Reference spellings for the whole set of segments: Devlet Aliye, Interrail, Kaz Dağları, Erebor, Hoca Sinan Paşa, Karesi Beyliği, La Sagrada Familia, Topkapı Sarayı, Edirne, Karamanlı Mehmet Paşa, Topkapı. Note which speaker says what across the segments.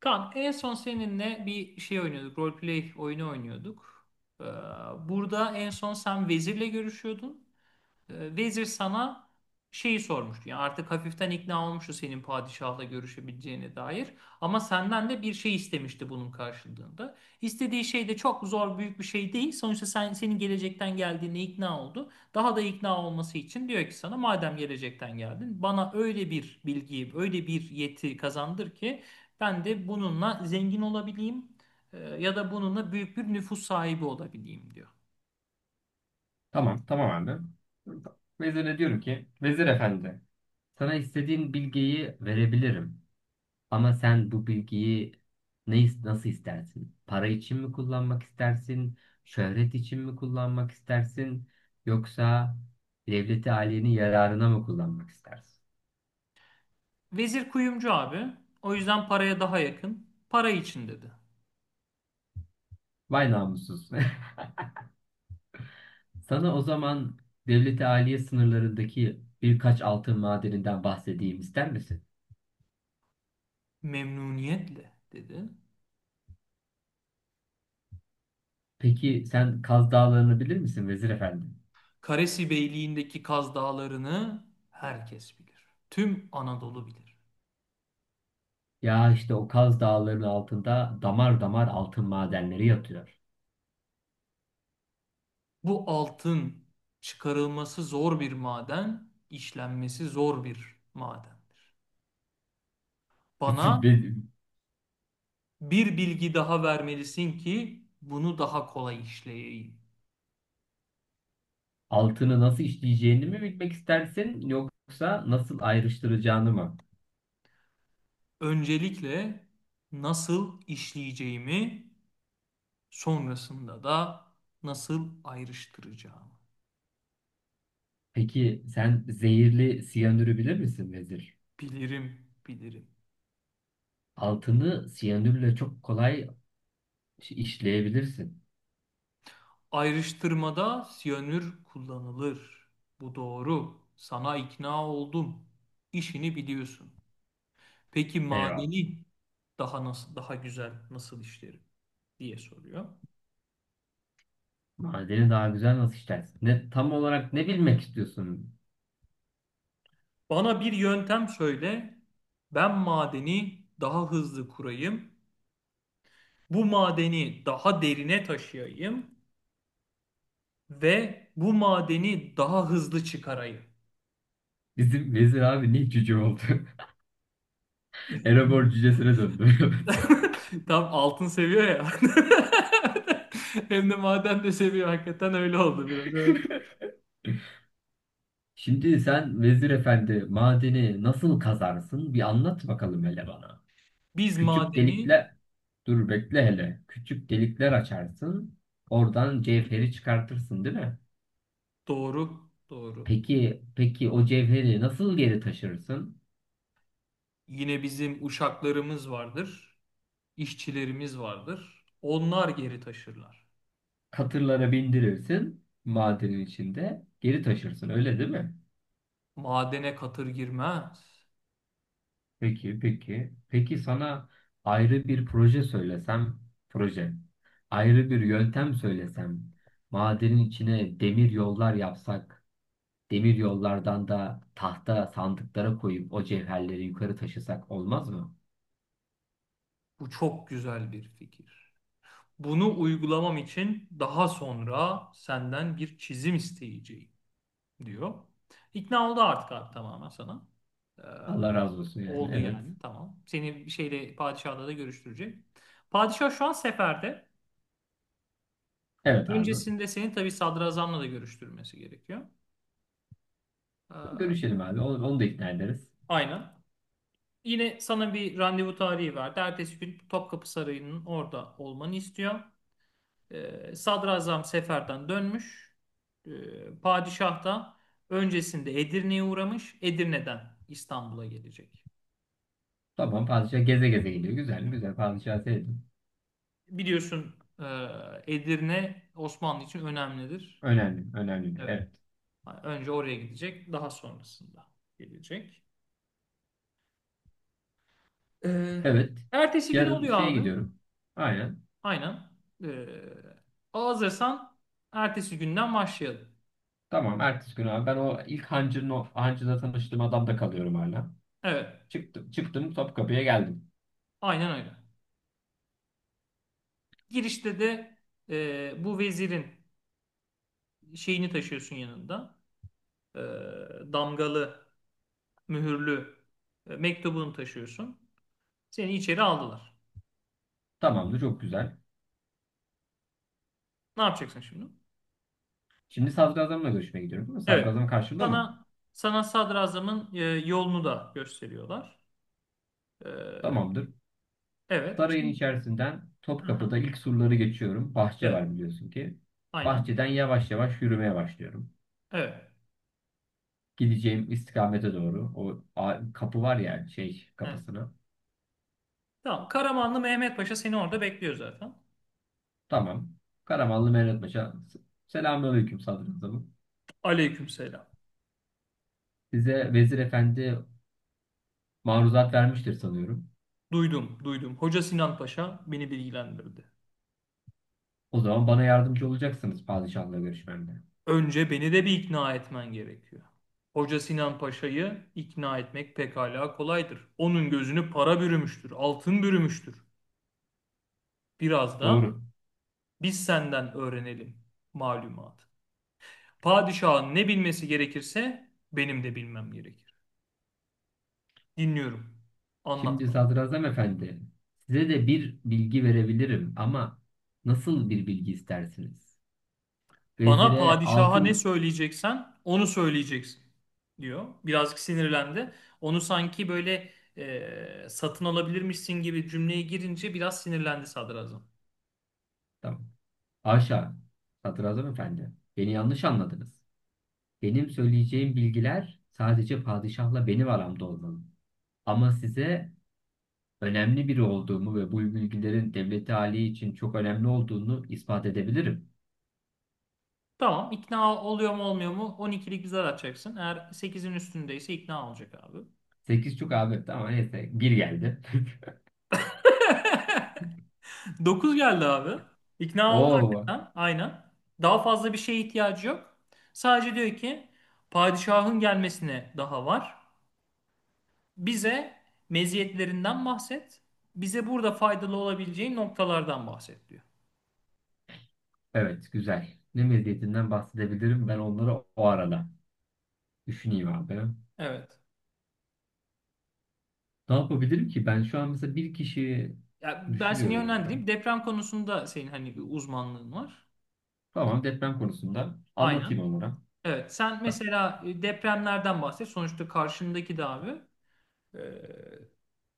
Speaker 1: Kaan en son seninle bir şey oynuyorduk. Roleplay oyunu oynuyorduk. Ee, Burada en son sen vezirle görüşüyordun. Vezir sana şeyi sormuştu. Yani artık hafiften ikna olmuştu senin padişahla görüşebileceğine dair. Ama senden de bir şey istemişti bunun karşılığında. İstediği şey de çok zor büyük bir şey değil. Sonuçta senin gelecekten geldiğine ikna oldu. Daha da ikna olması için diyor ki sana madem gelecekten geldin bana öyle bir bilgiyi, öyle bir yeti kazandır ki ben de bununla zengin olabileyim ya da bununla büyük bir nüfus sahibi olabileyim diyor.
Speaker 2: Tamam, tamam abi. Vezire diyorum ki, Vezir Efendi, sana istediğin bilgiyi verebilirim. Ama sen bu bilgiyi nasıl istersin? Para için mi kullanmak istersin? Şöhret için mi kullanmak istersin? Yoksa devleti aliyenin yararına mı kullanmak istersin?
Speaker 1: Vezir kuyumcu abi. O yüzden paraya daha yakın. Para için dedi.
Speaker 2: Vay namussuz. Sana o zaman devleti aliye sınırlarındaki birkaç altın madeninden bahsedeyim ister misin?
Speaker 1: Memnuniyetle dedi.
Speaker 2: Peki sen Kaz Dağları'nı bilir misin Vezir Efendi?
Speaker 1: Karesi Beyliği'ndeki Kaz Dağları'nı herkes bilir. Tüm Anadolu bilir.
Speaker 2: Ya işte o Kaz Dağları'nın altında damar damar altın madenleri yatıyor.
Speaker 1: Bu altın çıkarılması zor bir maden, işlenmesi zor bir madendir. Bana
Speaker 2: Benim
Speaker 1: bir bilgi daha vermelisin ki bunu daha kolay işleyeyim.
Speaker 2: altını nasıl işleyeceğini mi bilmek istersin yoksa nasıl ayrıştıracağını mı?
Speaker 1: Öncelikle nasıl işleyeceğimi, sonrasında da nasıl ayrıştıracağımı.
Speaker 2: Peki sen zehirli siyanürü bilir misin Vezir?
Speaker 1: Bilirim, bilirim.
Speaker 2: Altını siyanürle çok kolay işleyebilirsin.
Speaker 1: Ayrıştırmada siyanür kullanılır. Bu doğru. Sana ikna oldum. İşini biliyorsun. Peki
Speaker 2: Eyvallah.
Speaker 1: madeni daha güzel nasıl işlerim diye soruyor.
Speaker 2: Madeni daha güzel nasıl işlersin? Tam olarak ne bilmek istiyorsun?
Speaker 1: Bana bir yöntem söyle. Ben madeni daha hızlı kurayım. Bu madeni daha derine taşıyayım ve bu madeni daha hızlı çıkarayım.
Speaker 2: Bizim Vezir abi ne cüce oldu? Erebor cücesine döndü.
Speaker 1: Tam altın seviyor ya. Hem de maden de seviyor. Hakikaten öyle oldu biraz. Evet.
Speaker 2: Şimdi sen Vezir Efendi madeni nasıl kazarsın? Bir anlat bakalım hele bana.
Speaker 1: Biz
Speaker 2: Küçük
Speaker 1: madeni.
Speaker 2: delikler, dur bekle hele. Küçük delikler açarsın. Oradan cevheri çıkartırsın, değil mi?
Speaker 1: Doğru, doğru.
Speaker 2: Peki, peki o cevheri nasıl geri taşırsın?
Speaker 1: Yine bizim uşaklarımız vardır, işçilerimiz vardır. Onlar geri taşırlar.
Speaker 2: Katırlara bindirirsin madenin içinde. Geri taşırsın, öyle değil mi?
Speaker 1: Madene katır girmez.
Speaker 2: Peki, peki. Peki sana ayrı bir proje söylesem, proje. Ayrı bir yöntem söylesem, madenin içine demir yollar yapsak, demir yollardan da tahta sandıklara koyup o cevherleri yukarı taşısak olmaz mı?
Speaker 1: Bu çok güzel bir fikir. Bunu uygulamam için daha sonra senden bir çizim isteyeceğim diyor. İkna oldu artık abi tamamen sana.
Speaker 2: Allah razı olsun yani.
Speaker 1: Oldu
Speaker 2: Evet.
Speaker 1: yani. Tamam. Seni şeyle padişahla da görüştürecek. Padişah şu an seferde.
Speaker 2: Evet abi.
Speaker 1: Öncesinde seni tabii sadrazamla da görüştürmesi gerekiyor. Ee,
Speaker 2: Görüşelim abi. Onu da ikna ederiz.
Speaker 1: aynen. Yine sana bir randevu tarihi verdi. Ertesi gün Topkapı Sarayı'nın orada olmanı istiyor. Sadrazam seferden dönmüş. Padişah da öncesinde Edirne'ye uğramış. Edirne'den İstanbul'a gelecek.
Speaker 2: Tamam padişah geze geze geliyor. Güzel mi? Güzel. Padişah sevdim.
Speaker 1: Biliyorsun e, Edirne Osmanlı için önemlidir.
Speaker 2: Önemli. Önemli.
Speaker 1: Evet.
Speaker 2: Evet.
Speaker 1: Önce oraya gidecek, daha sonrasında gelecek. Ee,
Speaker 2: Evet.
Speaker 1: ertesi gün
Speaker 2: Yarın
Speaker 1: oluyor
Speaker 2: şeye
Speaker 1: abi.
Speaker 2: gidiyorum. Aynen.
Speaker 1: Aynen. Ee, hazırsan ertesi günden başlayalım.
Speaker 2: Tamam ertesi gün abi ben o ilk hancının o hancıda tanıştığım adamda kalıyorum hala.
Speaker 1: Evet,
Speaker 2: Çıktım Topkapı'ya geldim.
Speaker 1: aynen öyle. Girişte de bu vezirin şeyini taşıyorsun yanında. Ee, damgalı, mühürlü mektubunu taşıyorsun. Seni içeri aldılar.
Speaker 2: Tamamdır çok güzel.
Speaker 1: Ne yapacaksın şimdi?
Speaker 2: Şimdi sadrazamla görüşmeye gidiyorum değil mi?
Speaker 1: Evet.
Speaker 2: Sadrazam karşımda mı?
Speaker 1: Sana sana sadrazamın yolunu da gösteriyorlar. Ee,
Speaker 2: Tamamdır.
Speaker 1: evet.
Speaker 2: Sarayın
Speaker 1: Şimdi.
Speaker 2: içerisinden
Speaker 1: Hı hı.
Speaker 2: Topkapı'da ilk surları geçiyorum. Bahçe
Speaker 1: Evet.
Speaker 2: var biliyorsun ki.
Speaker 1: Aynen.
Speaker 2: Bahçeden yavaş yavaş yürümeye başlıyorum.
Speaker 1: Evet.
Speaker 2: Gideceğim istikamete doğru. Kapı var ya şey
Speaker 1: Evet.
Speaker 2: kapısına.
Speaker 1: Tamam. Karamanlı Mehmet Paşa seni orada bekliyor zaten.
Speaker 2: Tamam. Karamanlı Mehmet Paşa. Selamünaleyküm sadrazamım.
Speaker 1: Aleykümselam.
Speaker 2: Size vezir efendi maruzat vermiştir sanıyorum.
Speaker 1: Duydum, duydum. Hoca Sinan Paşa beni bilgilendirdi.
Speaker 2: O zaman bana yardımcı olacaksınız padişahla görüşmemde.
Speaker 1: Önce beni de bir ikna etmen gerekiyor. Hoca Sinan Paşa'yı ikna etmek pekala kolaydır. Onun gözünü para bürümüştür, altın bürümüştür. Biraz da
Speaker 2: Doğru.
Speaker 1: biz senden öğrenelim malumat. Padişahın ne bilmesi gerekirse benim de bilmem gerekir. Dinliyorum. Anlat
Speaker 2: Şimdi
Speaker 1: bana.
Speaker 2: sadrazam efendi, size de bir bilgi verebilirim ama nasıl bir bilgi istersiniz?
Speaker 1: Bana
Speaker 2: Vezire
Speaker 1: padişaha ne
Speaker 2: altın...
Speaker 1: söyleyeceksen onu söyleyeceksin diyor. Birazcık sinirlendi. Onu sanki böyle satın alabilirmişsin gibi cümleye girince biraz sinirlendi sadrazam.
Speaker 2: Tamam. Haşa. Sadrazam efendi, beni yanlış anladınız. Benim söyleyeceğim bilgiler sadece padişahla benim aramda olmalı. Ama size önemli biri olduğumu ve bu bilgilerin devleti hali için çok önemli olduğunu ispat edebilirim.
Speaker 1: Tamam, ikna oluyor mu olmuyor mu 12'lik bir zar atacaksın. Eğer 8'in üstündeyse ikna olacak abi.
Speaker 2: Sekiz çok abi. Tamam neyse. Bir geldi.
Speaker 1: 9 geldi abi. İkna oldu
Speaker 2: Oo,
Speaker 1: hakikaten. Aynen. Daha fazla bir şeye ihtiyacı yok. Sadece diyor ki padişahın gelmesine daha var. Bize meziyetlerinden bahset. Bize burada faydalı olabileceği noktalardan bahset diyor.
Speaker 2: evet güzel. Ne medyatinden bahsedebilirim ben onları o arada. Düşüneyim abi.
Speaker 1: Evet.
Speaker 2: Ne yapabilirim ki? Ben şu an mesela bir kişi
Speaker 1: Ya ben seni
Speaker 2: düşünüyorum kanka.
Speaker 1: yönlendireyim. Deprem konusunda senin hani bir uzmanlığın var.
Speaker 2: Tamam deprem konusunda
Speaker 1: Aynen.
Speaker 2: anlatayım onlara.
Speaker 1: Evet. Sen mesela depremlerden bahset. Sonuçta karşındaki de abi e,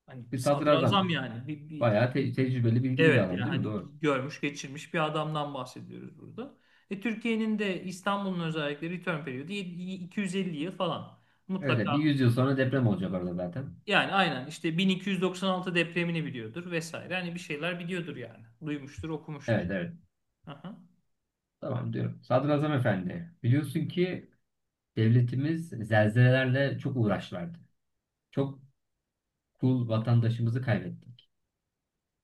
Speaker 1: hani
Speaker 2: Bir
Speaker 1: sadrazam
Speaker 2: sadrazam
Speaker 1: yani. Bir, bir,
Speaker 2: bayağı tecrübeli bilgili bir
Speaker 1: evet yani
Speaker 2: adam değil mi?
Speaker 1: hani
Speaker 2: Doğru.
Speaker 1: görmüş geçirmiş bir adamdan bahsediyoruz burada. Türkiye'nin de İstanbul'un özellikle return periyodu 7- 250 yıl falan.
Speaker 2: Evet, evet, bir
Speaker 1: Mutlaka.
Speaker 2: yüzyıl sonra deprem olacak orada zaten.
Speaker 1: Yani aynen işte 1296 depremini biliyordur vesaire. Hani bir şeyler biliyordur yani. Duymuştur, okumuştur.
Speaker 2: Evet, evet,
Speaker 1: Aha.
Speaker 2: tamam diyorum. Sadrazam efendi biliyorsun ki devletimiz zelzelelerle çok uğraşlardı. Çok kul vatandaşımızı kaybetti.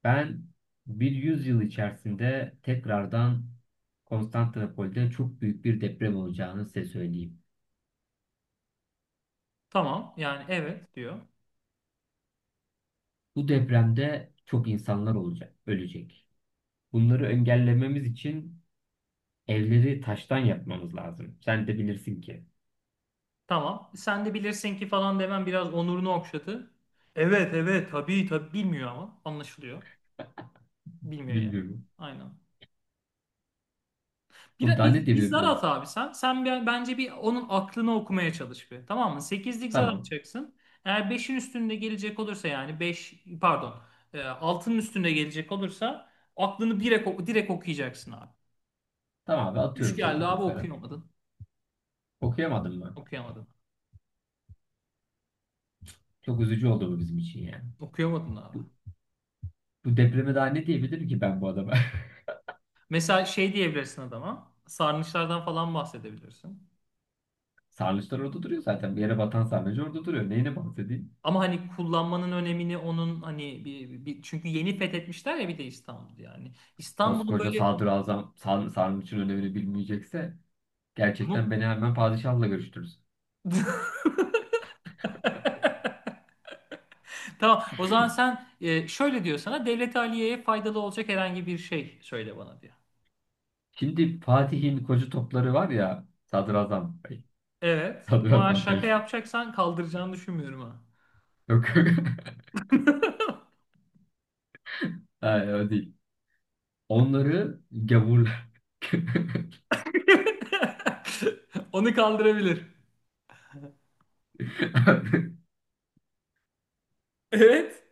Speaker 2: Ben bir yüzyıl içerisinde tekrardan Konstantinopol'de çok büyük bir deprem olacağını size söyleyeyim.
Speaker 1: Tamam yani evet diyor.
Speaker 2: Bu depremde çok insanlar olacak, ölecek. Bunları engellememiz için evleri taştan yapmamız lazım. Sen de bilirsin ki.
Speaker 1: Tamam sen de bilirsin ki falan demem biraz onurunu okşadı. Evet evet, tabii tabii bilmiyor ama anlaşılıyor. Bilmiyor yani.
Speaker 2: Bilmiyorum.
Speaker 1: Aynen.
Speaker 2: Bu da ne diye
Speaker 1: Biz zar
Speaker 2: bir...
Speaker 1: at abi sen. Sen bence bir onun aklını okumaya çalış bir. Tamam mı? Sekizlik zar
Speaker 2: Tamam.
Speaker 1: atacaksın. Eğer beşin üstünde gelecek olursa, yani 5 pardon 6'nın üstünde gelecek olursa aklını direkt okuyacaksın abi.
Speaker 2: Tamam abi
Speaker 1: Üç
Speaker 2: atıyorum
Speaker 1: geldi
Speaker 2: sekizlik
Speaker 1: abi,
Speaker 2: sarı.
Speaker 1: okuyamadın.
Speaker 2: Okuyamadım mı?
Speaker 1: Okuyamadın.
Speaker 2: Çok üzücü oldu bu bizim için yani.
Speaker 1: Okuyamadın abi.
Speaker 2: Bu, bu depreme daha ne diyebilirim ki ben bu adama?
Speaker 1: Mesela şey diyebilirsin adama. Sarnıçlardan falan bahsedebilirsin.
Speaker 2: Sarnıçlar orada duruyor zaten. Bir yere batan sarnıcı orada duruyor. Neyine bahsedeyim?
Speaker 1: Ama hani kullanmanın önemini onun hani çünkü yeni fethetmişler ya bir de İstanbul yani. İstanbul'un
Speaker 2: Koskoca
Speaker 1: böyle
Speaker 2: sadrazam sarnıcın önemini bilmeyecekse
Speaker 1: mut
Speaker 2: gerçekten beni hemen padişahla görüştürürüz.
Speaker 1: Tamam. O zaman sen şöyle diyor sana Devlet Aliye'ye faydalı olacak herhangi bir şey söyle bana diyor.
Speaker 2: Şimdi Fatih'in koca topları var ya sadrazam bey.
Speaker 1: Evet. Ama
Speaker 2: Sadrazam
Speaker 1: şaka
Speaker 2: bey.
Speaker 1: yapacaksan kaldıracağını düşünmüyorum ha.
Speaker 2: Yok. Hayır, o değil. Onları gavurlar.
Speaker 1: Onu kaldırabilir. Evet.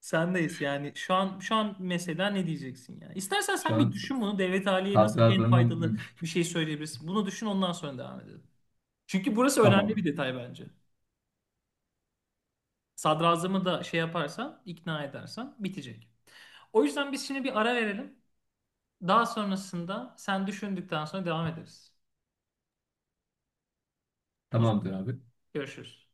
Speaker 1: Sendeyiz yani. Şu an mesela ne diyeceksin yani? İstersen
Speaker 2: Şu
Speaker 1: sen bir
Speaker 2: an
Speaker 1: düşün bunu. Devlet Aliye'ye nasıl en faydalı
Speaker 2: sadrazamın
Speaker 1: bir şey söyleyebilirsin. Bunu düşün, ondan sonra devam edelim. Çünkü burası önemli bir
Speaker 2: tamam.
Speaker 1: detay bence. Sadrazamı da şey yaparsan, ikna edersen bitecek. O yüzden biz şimdi bir ara verelim. Daha sonrasında sen düşündükten sonra devam ederiz. O zaman
Speaker 2: Tamamdır abi.
Speaker 1: görüşürüz.